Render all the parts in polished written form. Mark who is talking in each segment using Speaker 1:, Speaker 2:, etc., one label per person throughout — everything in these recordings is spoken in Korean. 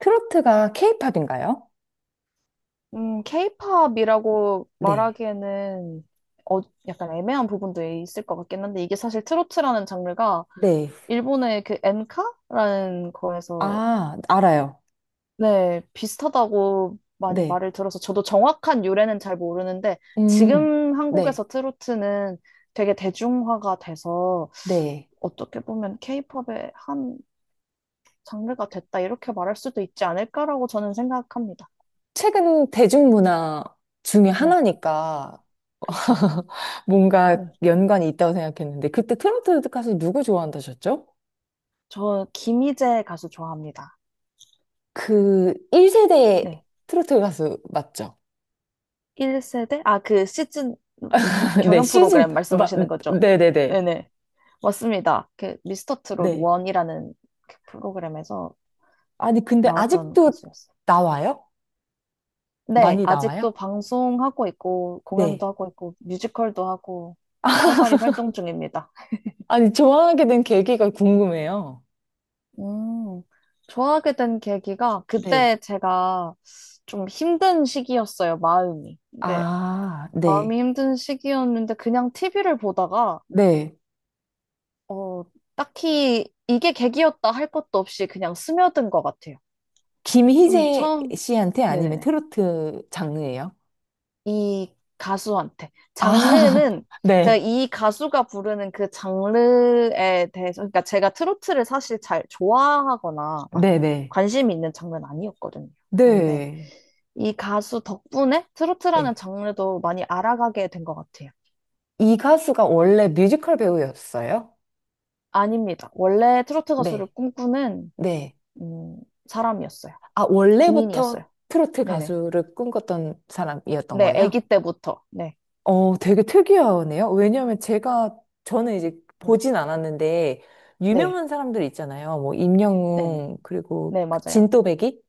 Speaker 1: 트로트가 케이팝인가요?
Speaker 2: 케이팝이라고
Speaker 1: 네,
Speaker 2: 말하기에는 어, 약간 애매한 부분도 있을 것 같긴 한데 이게 사실 트로트라는 장르가
Speaker 1: 네,
Speaker 2: 일본의 그 엔카라는 거에서
Speaker 1: 아, 알아요.
Speaker 2: 네, 비슷하다고 많이
Speaker 1: 네.
Speaker 2: 말을 들어서 저도 정확한 유래는 잘 모르는데
Speaker 1: 음,
Speaker 2: 지금
Speaker 1: 네,
Speaker 2: 한국에서 트로트는 되게 대중화가 돼서
Speaker 1: 네.
Speaker 2: 어떻게 보면 케이팝의 한 장르가 됐다, 이렇게 말할 수도 있지 않을까라고 저는 생각합니다.
Speaker 1: 최근 대중문화 중에
Speaker 2: 네,
Speaker 1: 하나니까
Speaker 2: 그쵸.
Speaker 1: 뭔가
Speaker 2: 네.
Speaker 1: 연관이 있다고 생각했는데, 그때 트로트 가수 누구 좋아한다셨죠?
Speaker 2: 저 김희재 가수 좋아합니다.
Speaker 1: 그 1세대
Speaker 2: 네.
Speaker 1: 트로트 가수 맞죠?
Speaker 2: 1세대? 아, 그 시즌, 그
Speaker 1: 네,
Speaker 2: 경연 프로그램 말씀하시는 거죠?
Speaker 1: 네네네.
Speaker 2: 네네. 맞습니다. 그 미스터 트롯
Speaker 1: 네.
Speaker 2: 1이라는 그 프로그램에서
Speaker 1: 아니, 근데
Speaker 2: 나왔던
Speaker 1: 아직도
Speaker 2: 가수였어요.
Speaker 1: 나와요?
Speaker 2: 네,
Speaker 1: 많이
Speaker 2: 아직도
Speaker 1: 나와요?
Speaker 2: 방송하고 있고,
Speaker 1: 네.
Speaker 2: 공연도 하고 있고, 뮤지컬도 하고, 활발히 활동 중입니다.
Speaker 1: 아니, 좋아하게 된 계기가 궁금해요.
Speaker 2: 음, 좋아하게 된 계기가
Speaker 1: 네.
Speaker 2: 그때 제가 좀 힘든 시기였어요, 마음이. 네,
Speaker 1: 아, 네.
Speaker 2: 마음이 힘든 시기였는데 그냥 TV를 보다가
Speaker 1: 네.
Speaker 2: 어, 딱히 이게 계기였다 할 것도 없이 그냥 스며든 것 같아요. 좀
Speaker 1: 김희재
Speaker 2: 처음,
Speaker 1: 씨한테 아니면
Speaker 2: 네네네.
Speaker 1: 트로트 장르예요?
Speaker 2: 이 가수한테.
Speaker 1: 아,
Speaker 2: 장르는 제가
Speaker 1: 네.
Speaker 2: 이 가수가 부르는 그 장르에 대해서, 그러니까 제가 트로트를 사실 잘 좋아하거나 막
Speaker 1: 네네.
Speaker 2: 관심이 있는 장르는 아니었거든요. 그런데
Speaker 1: 네.
Speaker 2: 이 가수 덕분에 트로트라는
Speaker 1: 네.
Speaker 2: 장르도 많이 알아가게 된 것 같아요.
Speaker 1: 이 가수가 원래 뮤지컬 배우였어요?
Speaker 2: 아닙니다. 원래 트로트 가수를
Speaker 1: 네.
Speaker 2: 꿈꾸는,
Speaker 1: 네.
Speaker 2: 음, 사람이었어요.
Speaker 1: 아, 원래부터
Speaker 2: 군인이었어요.
Speaker 1: 트로트
Speaker 2: 네네.
Speaker 1: 가수를 꿈꿨던 사람이었던
Speaker 2: 네, 아기
Speaker 1: 거예요?
Speaker 2: 때부터. 네,
Speaker 1: 어, 되게 특이하네요. 왜냐하면 저는 이제
Speaker 2: 네,
Speaker 1: 보진 않았는데,
Speaker 2: 네,
Speaker 1: 유명한 사람들 있잖아요. 뭐,
Speaker 2: 네, 네,
Speaker 1: 임영웅, 그리고
Speaker 2: 네,
Speaker 1: 그
Speaker 2: 맞아요.
Speaker 1: 진또배기?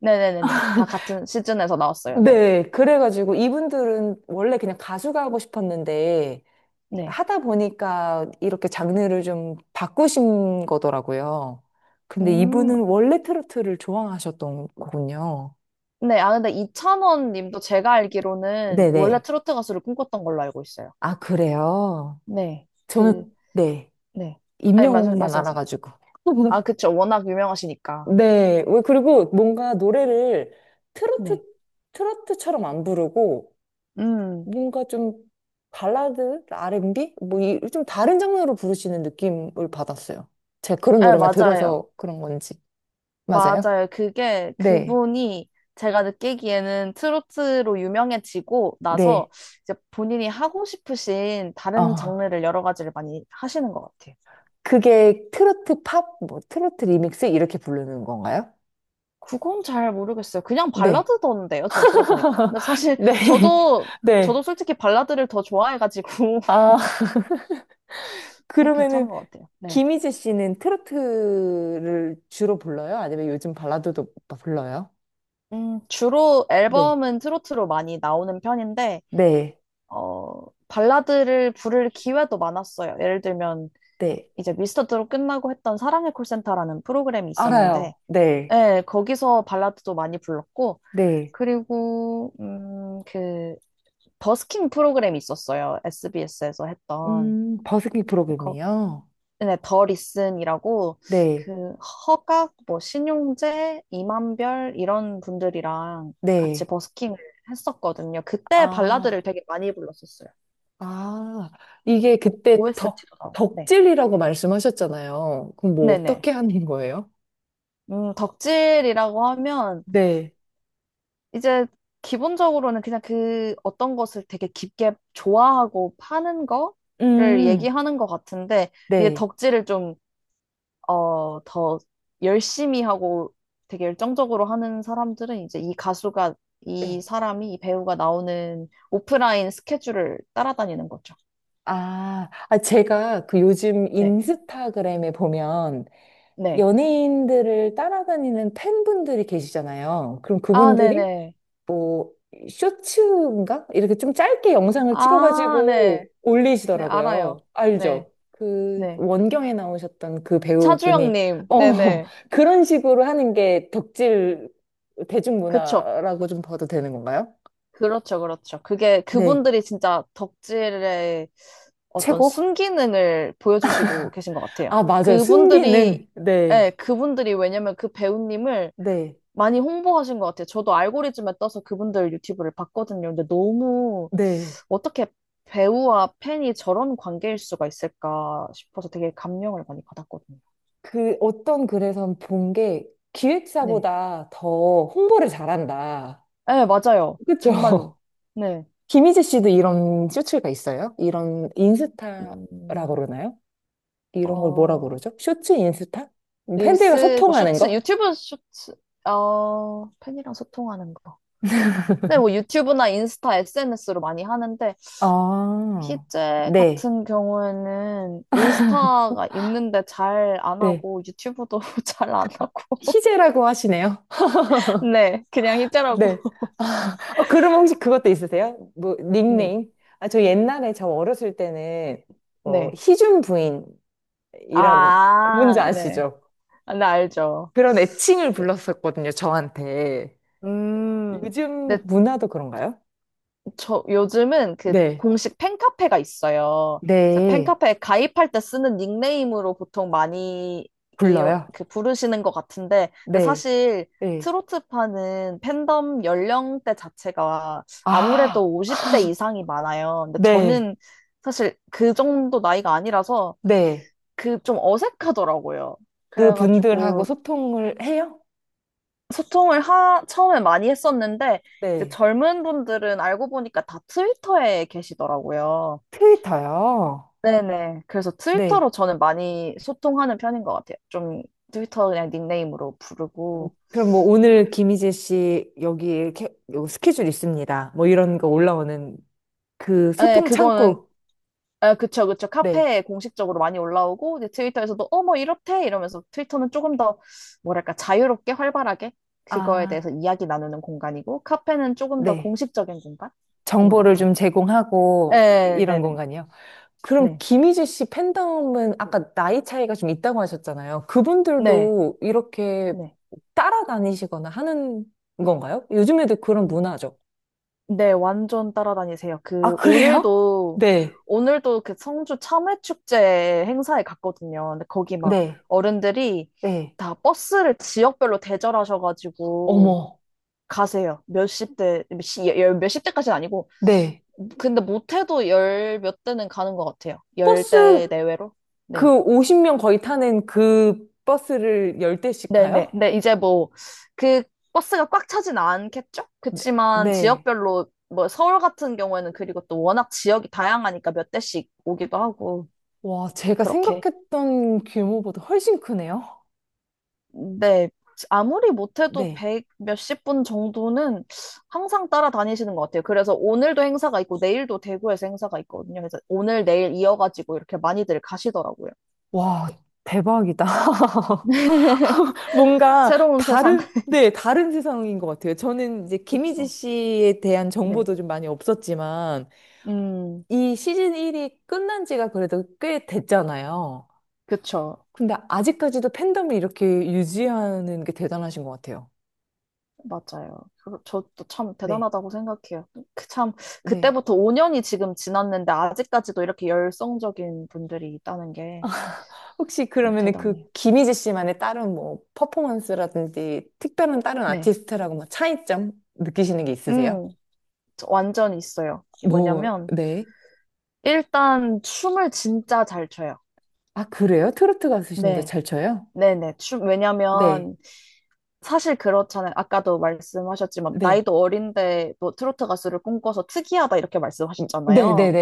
Speaker 2: 네, 네, 네, 네, 다 같은 시즌에서 나왔어요. 네,
Speaker 1: 네, 그래가지고 이분들은 원래 그냥 가수가 하고 싶었는데
Speaker 2: 네,
Speaker 1: 하다 보니까 이렇게 장르를 좀 바꾸신 거더라고요. 근데
Speaker 2: 음,
Speaker 1: 이분은 원래 트로트를 좋아하셨던 거군요.
Speaker 2: 네, 아 근데 이찬원 님도 제가 알기로는 원래
Speaker 1: 네네.
Speaker 2: 트로트 가수를 꿈꿨던 걸로 알고 있어요.
Speaker 1: 아, 그래요?
Speaker 2: 네, 그,
Speaker 1: 저는, 네.
Speaker 2: 네, 아니
Speaker 1: 임영웅만
Speaker 2: 말씀하세요.
Speaker 1: 알아가지고.
Speaker 2: 아, 그쵸, 워낙 유명하시니까.
Speaker 1: 네. 왜, 그리고 뭔가 노래를 트로트,
Speaker 2: 네,
Speaker 1: 트로트처럼 안 부르고
Speaker 2: 음,
Speaker 1: 뭔가 좀 발라드, R&B 뭐 이 좀 다른 장르로 부르시는 느낌을 받았어요. 제가 그런
Speaker 2: 네,
Speaker 1: 노래만
Speaker 2: 맞아요.
Speaker 1: 들어서 그런 건지. 맞아요?
Speaker 2: 맞아요. 그게
Speaker 1: 네.
Speaker 2: 그분이 제가 느끼기에는 트로트로 유명해지고 나서
Speaker 1: 네.
Speaker 2: 이제 본인이 하고 싶으신 다른
Speaker 1: 어.
Speaker 2: 장르를 여러 가지를 많이 하시는 것 같아요.
Speaker 1: 그게 트로트 팝, 뭐 트로트 리믹스 이렇게 부르는 건가요?
Speaker 2: 그건 잘 모르겠어요. 그냥
Speaker 1: 네.
Speaker 2: 발라드던데요, 전 들어보니까. 근데 사실
Speaker 1: 네.
Speaker 2: 저도,
Speaker 1: 네.
Speaker 2: 저도 솔직히 발라드를 더 좋아해가지고,
Speaker 1: 아,
Speaker 2: 그
Speaker 1: 그러면은
Speaker 2: 괜찮은 것 같아요. 네.
Speaker 1: 김희재 씨는 트로트를 주로 불러요? 아니면 요즘 발라드도 불러요?
Speaker 2: 주로
Speaker 1: 네.
Speaker 2: 앨범은 트로트로 많이 나오는 편인데,
Speaker 1: 네.
Speaker 2: 발라드를 부를 기회도 많았어요. 예를 들면,
Speaker 1: 네.
Speaker 2: 이제 미스터 트롯 끝나고 했던 사랑의 콜센터라는 프로그램이 있었는데,
Speaker 1: 알아요. 네.
Speaker 2: 예, 거기서 발라드도 많이 불렀고,
Speaker 1: 네.
Speaker 2: 그리고, 그, 버스킹 프로그램이 있었어요. SBS에서 했던.
Speaker 1: 버스킹
Speaker 2: 거기,
Speaker 1: 프로그램이요?
Speaker 2: 네, 더 리슨이라고,
Speaker 1: 네,
Speaker 2: 그, 허각, 뭐, 신용재, 이만별, 이런 분들이랑 같이
Speaker 1: 네.
Speaker 2: 버스킹을 했었거든요. 그때
Speaker 1: 아,
Speaker 2: 발라드를 되게 많이 불렀었어요.
Speaker 1: 아, 이게 그때 덕,
Speaker 2: OST도 나오고, 네.
Speaker 1: 덕질이라고 말씀하셨잖아요. 그럼 뭐
Speaker 2: 네네.
Speaker 1: 어떻게 하는 거예요?
Speaker 2: 덕질이라고 하면,
Speaker 1: 네.
Speaker 2: 이제 기본적으로는 그냥 그 어떤 것을 되게 깊게 좋아하고 파는 거를
Speaker 1: 음,
Speaker 2: 얘기하는 것 같은데, 이제
Speaker 1: 네.
Speaker 2: 덕질을 좀, 더 열심히 하고 되게 열정적으로 하는 사람들은 이제 이 가수가, 이
Speaker 1: 예.
Speaker 2: 사람이, 이 배우가 나오는 오프라인 스케줄을 따라다니는 거죠.
Speaker 1: 아, 아, 제가 그 요즘
Speaker 2: 네.
Speaker 1: 인스타그램에 보면
Speaker 2: 네.
Speaker 1: 연예인들을 따라다니는 팬분들이 계시잖아요. 그럼
Speaker 2: 아,
Speaker 1: 그분들이
Speaker 2: 네네.
Speaker 1: 뭐 쇼츠인가? 이렇게 좀 짧게 영상을
Speaker 2: 아,
Speaker 1: 찍어가지고
Speaker 2: 네. 네,
Speaker 1: 올리시더라고요.
Speaker 2: 알아요. 네.
Speaker 1: 알죠? 그
Speaker 2: 네.
Speaker 1: 원경에 나오셨던 그 배우분이
Speaker 2: 차주영님.
Speaker 1: 어
Speaker 2: 네네.
Speaker 1: 그런 식으로 하는 게 덕질
Speaker 2: 그쵸.
Speaker 1: 대중문화라고 좀 봐도 되는 건가요?
Speaker 2: 그렇죠, 그렇죠. 그게
Speaker 1: 네.
Speaker 2: 그분들이 진짜 덕질의 어떤
Speaker 1: 최고?
Speaker 2: 순기능을 보여주시고 계신 것 같아요.
Speaker 1: 아, 맞아요.
Speaker 2: 그분들이,
Speaker 1: 순기능. 네.
Speaker 2: 예, 그분들이 왜냐면 그 배우님을
Speaker 1: 네.
Speaker 2: 많이 홍보하신 것 같아요. 저도 알고리즘에 떠서 그분들 유튜브를 봤거든요. 근데 너무
Speaker 1: 네.
Speaker 2: 어떻게 배우와 팬이 저런 관계일 수가 있을까 싶어서 되게 감명을 많이 받았거든요.
Speaker 1: 그 어떤 글에선 본 게
Speaker 2: 네.
Speaker 1: 기획사보다 더 홍보를 잘한다.
Speaker 2: 예, 맞아요. 정말로.
Speaker 1: 그쵸?
Speaker 2: 네.
Speaker 1: 김희재 씨도 이런 쇼츠가 있어요? 이런 인스타라고
Speaker 2: 음,
Speaker 1: 그러나요? 이런 걸 뭐라고
Speaker 2: 어,
Speaker 1: 그러죠? 쇼츠 인스타? 팬들과
Speaker 2: 릴스, 뭐
Speaker 1: 소통하는
Speaker 2: 쇼츠,
Speaker 1: 거?
Speaker 2: 유튜브 쇼츠, 팬이랑 소통하는 거. 네 뭐 유튜브나 인스타, SNS로 많이 하는데,
Speaker 1: 아,
Speaker 2: 희재
Speaker 1: 네.
Speaker 2: 같은 경우에는 인스타가 있는데 잘 안
Speaker 1: 네.
Speaker 2: 하고, 유튜브도 잘 안 하고,
Speaker 1: 희재라고 하시네요.
Speaker 2: 네, 그냥 희재라고.
Speaker 1: 네. 아, 어, 그럼 혹시 그것도 있으세요? 뭐,
Speaker 2: 네,
Speaker 1: 닉네임? 아, 저 옛날에 저 어렸을 때는, 뭐,
Speaker 2: 네.
Speaker 1: 희준 부인, 이런,
Speaker 2: 아,
Speaker 1: 뭔지
Speaker 2: 네.
Speaker 1: 아시죠?
Speaker 2: 아, 네, 알죠.
Speaker 1: 그런 애칭을
Speaker 2: 네.
Speaker 1: 불렀었거든요, 저한테.
Speaker 2: 음, 네,
Speaker 1: 요즘 문화도 그런가요?
Speaker 2: 저 요즘은 그
Speaker 1: 네.
Speaker 2: 공식 팬카페가 있어요. 그래서
Speaker 1: 네.
Speaker 2: 팬카페에 가입할 때 쓰는 닉네임으로 보통 많이 이,
Speaker 1: 불러요?
Speaker 2: 그 부르시는 것 같은데, 근데
Speaker 1: 네,
Speaker 2: 사실
Speaker 1: 네.
Speaker 2: 트로트파는 팬덤 연령대 자체가
Speaker 1: 아,
Speaker 2: 아무래도 50대 이상이 많아요. 근데
Speaker 1: 네,
Speaker 2: 저는 사실 그 정도 나이가 아니라서
Speaker 1: 네.
Speaker 2: 그 좀 어색하더라고요.
Speaker 1: 그 분들하고
Speaker 2: 그래가지고
Speaker 1: 소통을 해요?
Speaker 2: 소통을 처음에 많이 했었는데, 이제
Speaker 1: 네.
Speaker 2: 젊은 분들은 알고 보니까 다 트위터에 계시더라고요.
Speaker 1: 트위터요?
Speaker 2: 네네. 그래서
Speaker 1: 네.
Speaker 2: 트위터로 저는 많이 소통하는 편인 것 같아요. 좀 트위터 그냥 닉네임으로 부르고.
Speaker 1: 그럼 뭐 오늘 김희재 씨 여기 이렇게 요 스케줄 있습니다. 뭐 이런 거 올라오는 그
Speaker 2: 아, 네,
Speaker 1: 소통
Speaker 2: 그거는,
Speaker 1: 창구.
Speaker 2: 아, 그쵸, 그쵸.
Speaker 1: 네.
Speaker 2: 카페에 공식적으로 많이 올라오고, 이제 트위터에서도, 어, 뭐, 이렇대! 이러면서 트위터는 조금 더, 뭐랄까, 자유롭게, 활발하게, 그거에
Speaker 1: 아,
Speaker 2: 대해서 이야기 나누는 공간이고, 카페는 조금 더
Speaker 1: 네.
Speaker 2: 공식적인 공간인 것
Speaker 1: 정보를
Speaker 2: 같아요.
Speaker 1: 좀 제공하고 이-
Speaker 2: 네,
Speaker 1: 이런
Speaker 2: 네네.
Speaker 1: 공간이요. 그럼
Speaker 2: 네,
Speaker 1: 김희지 씨 팬덤은 아까 나이 차이가 좀 있다고 하셨잖아요.
Speaker 2: 네,
Speaker 1: 그분들도 이렇게
Speaker 2: 네.
Speaker 1: 따라다니시거나 하는 건가요? 요즘에도 그런 문화죠.
Speaker 2: 네, 완전 따라다니세요.
Speaker 1: 아,
Speaker 2: 그,
Speaker 1: 그래요?
Speaker 2: 오늘도,
Speaker 1: 네.
Speaker 2: 오늘도 그 성주 참외축제 행사에 갔거든요. 근데 거기 막
Speaker 1: 네,
Speaker 2: 어른들이
Speaker 1: 네,
Speaker 2: 다 버스를 지역별로 대절하셔가지고
Speaker 1: 어머.
Speaker 2: 가세요. 몇십 대, 열 몇십 대까지는 아니고.
Speaker 1: 네.
Speaker 2: 근데 못해도 열몇 대는 가는 것 같아요. 열
Speaker 1: 버스
Speaker 2: 대 내외로.
Speaker 1: 그
Speaker 2: 네.
Speaker 1: 50명 거의 타는 그 버스를 10대씩
Speaker 2: 네네.
Speaker 1: 가요?
Speaker 2: 근데 이제 뭐, 그 버스가 꽉 차진 않겠죠?
Speaker 1: 네,
Speaker 2: 그치만
Speaker 1: 네,
Speaker 2: 지역별로, 뭐, 서울 같은 경우에는 그리고 또 워낙 지역이 다양하니까 몇 대씩 오기도 하고,
Speaker 1: 와, 제가
Speaker 2: 그렇게.
Speaker 1: 생각했던 규모보다 훨씬 크네요.
Speaker 2: 네. 아무리 못해도
Speaker 1: 네.
Speaker 2: 백 몇십 분 정도는 항상 따라다니시는 것 같아요. 그래서 오늘도 행사가 있고, 내일도 대구에서 행사가 있거든요. 그래서 오늘, 내일 이어가지고 이렇게 많이들 가시더라고요.
Speaker 1: 와, 대박이다. 뭔가
Speaker 2: 새로운 세상.
Speaker 1: 다른, 네, 다른 세상인 것 같아요. 저는 이제 김희지
Speaker 2: 그쵸.
Speaker 1: 씨에 대한
Speaker 2: 네.
Speaker 1: 정보도 좀 많이 없었지만,
Speaker 2: 음,
Speaker 1: 이 시즌 1이 끝난 지가 그래도 꽤 됐잖아요.
Speaker 2: 그쵸.
Speaker 1: 근데 아직까지도 팬덤을 이렇게 유지하는 게 대단하신 것 같아요.
Speaker 2: 맞아요. 저도 참
Speaker 1: 네.
Speaker 2: 대단하다고 생각해요. 그 참,
Speaker 1: 네.
Speaker 2: 그때부터 5년이 지금 지났는데, 아직까지도 이렇게 열성적인 분들이 있다는 게참
Speaker 1: 혹시 그러면 그
Speaker 2: 대단해요.
Speaker 1: 김희지 씨만의 다른 뭐 퍼포먼스라든지 특별한 다른
Speaker 2: 네.
Speaker 1: 아티스트라고 뭐 차이점 느끼시는 게 있으세요?
Speaker 2: 음, 저 완전 있어요. 이게
Speaker 1: 뭐,
Speaker 2: 뭐냐면,
Speaker 1: 네.
Speaker 2: 일단 춤을 진짜 잘 춰요.
Speaker 1: 아, 그래요? 트로트 가수신데
Speaker 2: 네.
Speaker 1: 잘 쳐요?
Speaker 2: 네네. 춤,
Speaker 1: 네.
Speaker 2: 왜냐면, 사실 그렇잖아요. 아까도 말씀하셨지만,
Speaker 1: 네.
Speaker 2: 나이도 어린데, 도 트로트 가수를 꿈꿔서 특이하다, 이렇게 말씀하셨잖아요.
Speaker 1: 네네네.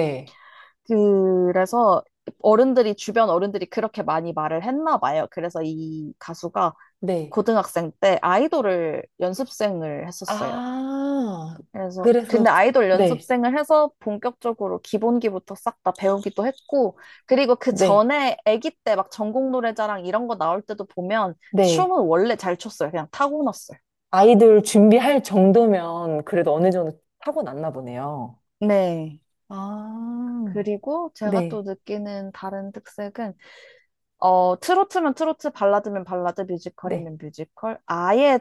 Speaker 2: 그래서 어른들이, 주변 어른들이 그렇게 많이 말을 했나 봐요. 그래서 이 가수가
Speaker 1: 네.
Speaker 2: 고등학생 때 아이돌을 연습생을 했었어요.
Speaker 1: 아,
Speaker 2: 그래서,
Speaker 1: 그래서,
Speaker 2: 근데 아이돌
Speaker 1: 네,
Speaker 2: 연습생을 해서 본격적으로 기본기부터 싹 다 배우기도 했고, 그리고 그
Speaker 1: 네,
Speaker 2: 전에 아기 때 막 전국 노래자랑 이런 거 나올 때도 보면
Speaker 1: 네.
Speaker 2: 춤은 원래 잘 췄어요. 그냥 타고났어요.
Speaker 1: 아이들 준비할 정도면 그래도 어느 정도 타고났나 보네요.
Speaker 2: 네.
Speaker 1: 아,
Speaker 2: 그리고 제가 또
Speaker 1: 네,
Speaker 2: 느끼는 다른 특색은 어, 트로트면 트로트, 발라드면 발라드,
Speaker 1: 네,
Speaker 2: 뮤지컬이면 뮤지컬. 아예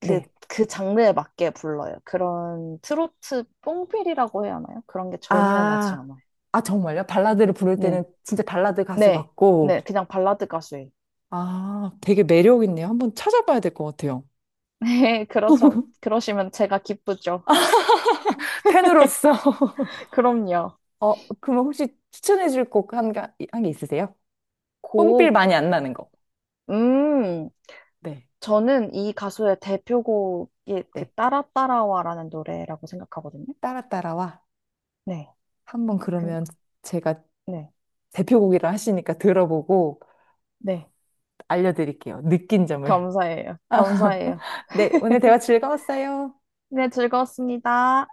Speaker 2: 그,
Speaker 1: 네.
Speaker 2: 그 장르에 맞게 불러요. 그런 트로트 뽕필이라고 해야 하나요? 그런 게 전혀 나지
Speaker 1: 아,
Speaker 2: 않아요.
Speaker 1: 아, 정말요? 발라드를 부를 때는
Speaker 2: 네.
Speaker 1: 진짜 발라드 가수
Speaker 2: 네. 네.
Speaker 1: 같고,
Speaker 2: 그냥 발라드 가수예요.
Speaker 1: 아, 되게 매력 있네요. 한번 찾아봐야 될 것 같아요.
Speaker 2: 네. 그러시면 제가 기쁘죠.
Speaker 1: 팬으로서,
Speaker 2: 그럼요.
Speaker 1: 어, 그럼 혹시 추천해 줄 곡 한 게 있으세요? 뽕필
Speaker 2: 곡,
Speaker 1: 많이 안 나는 거.
Speaker 2: 음,
Speaker 1: 네
Speaker 2: 저는 이 가수의 대표곡이 그
Speaker 1: 네.
Speaker 2: 따라 따라와라는 노래라고 생각하거든요.
Speaker 1: 따라 따라와.
Speaker 2: 네.
Speaker 1: 한번
Speaker 2: 그,
Speaker 1: 그러면 제가
Speaker 2: 네.
Speaker 1: 대표곡이라 하시니까 들어보고
Speaker 2: 네.
Speaker 1: 알려드릴게요. 느낀 점을.
Speaker 2: 감사해요. 감사해요.
Speaker 1: 네, 오늘 대화 즐거웠어요.
Speaker 2: 네, 즐거웠습니다.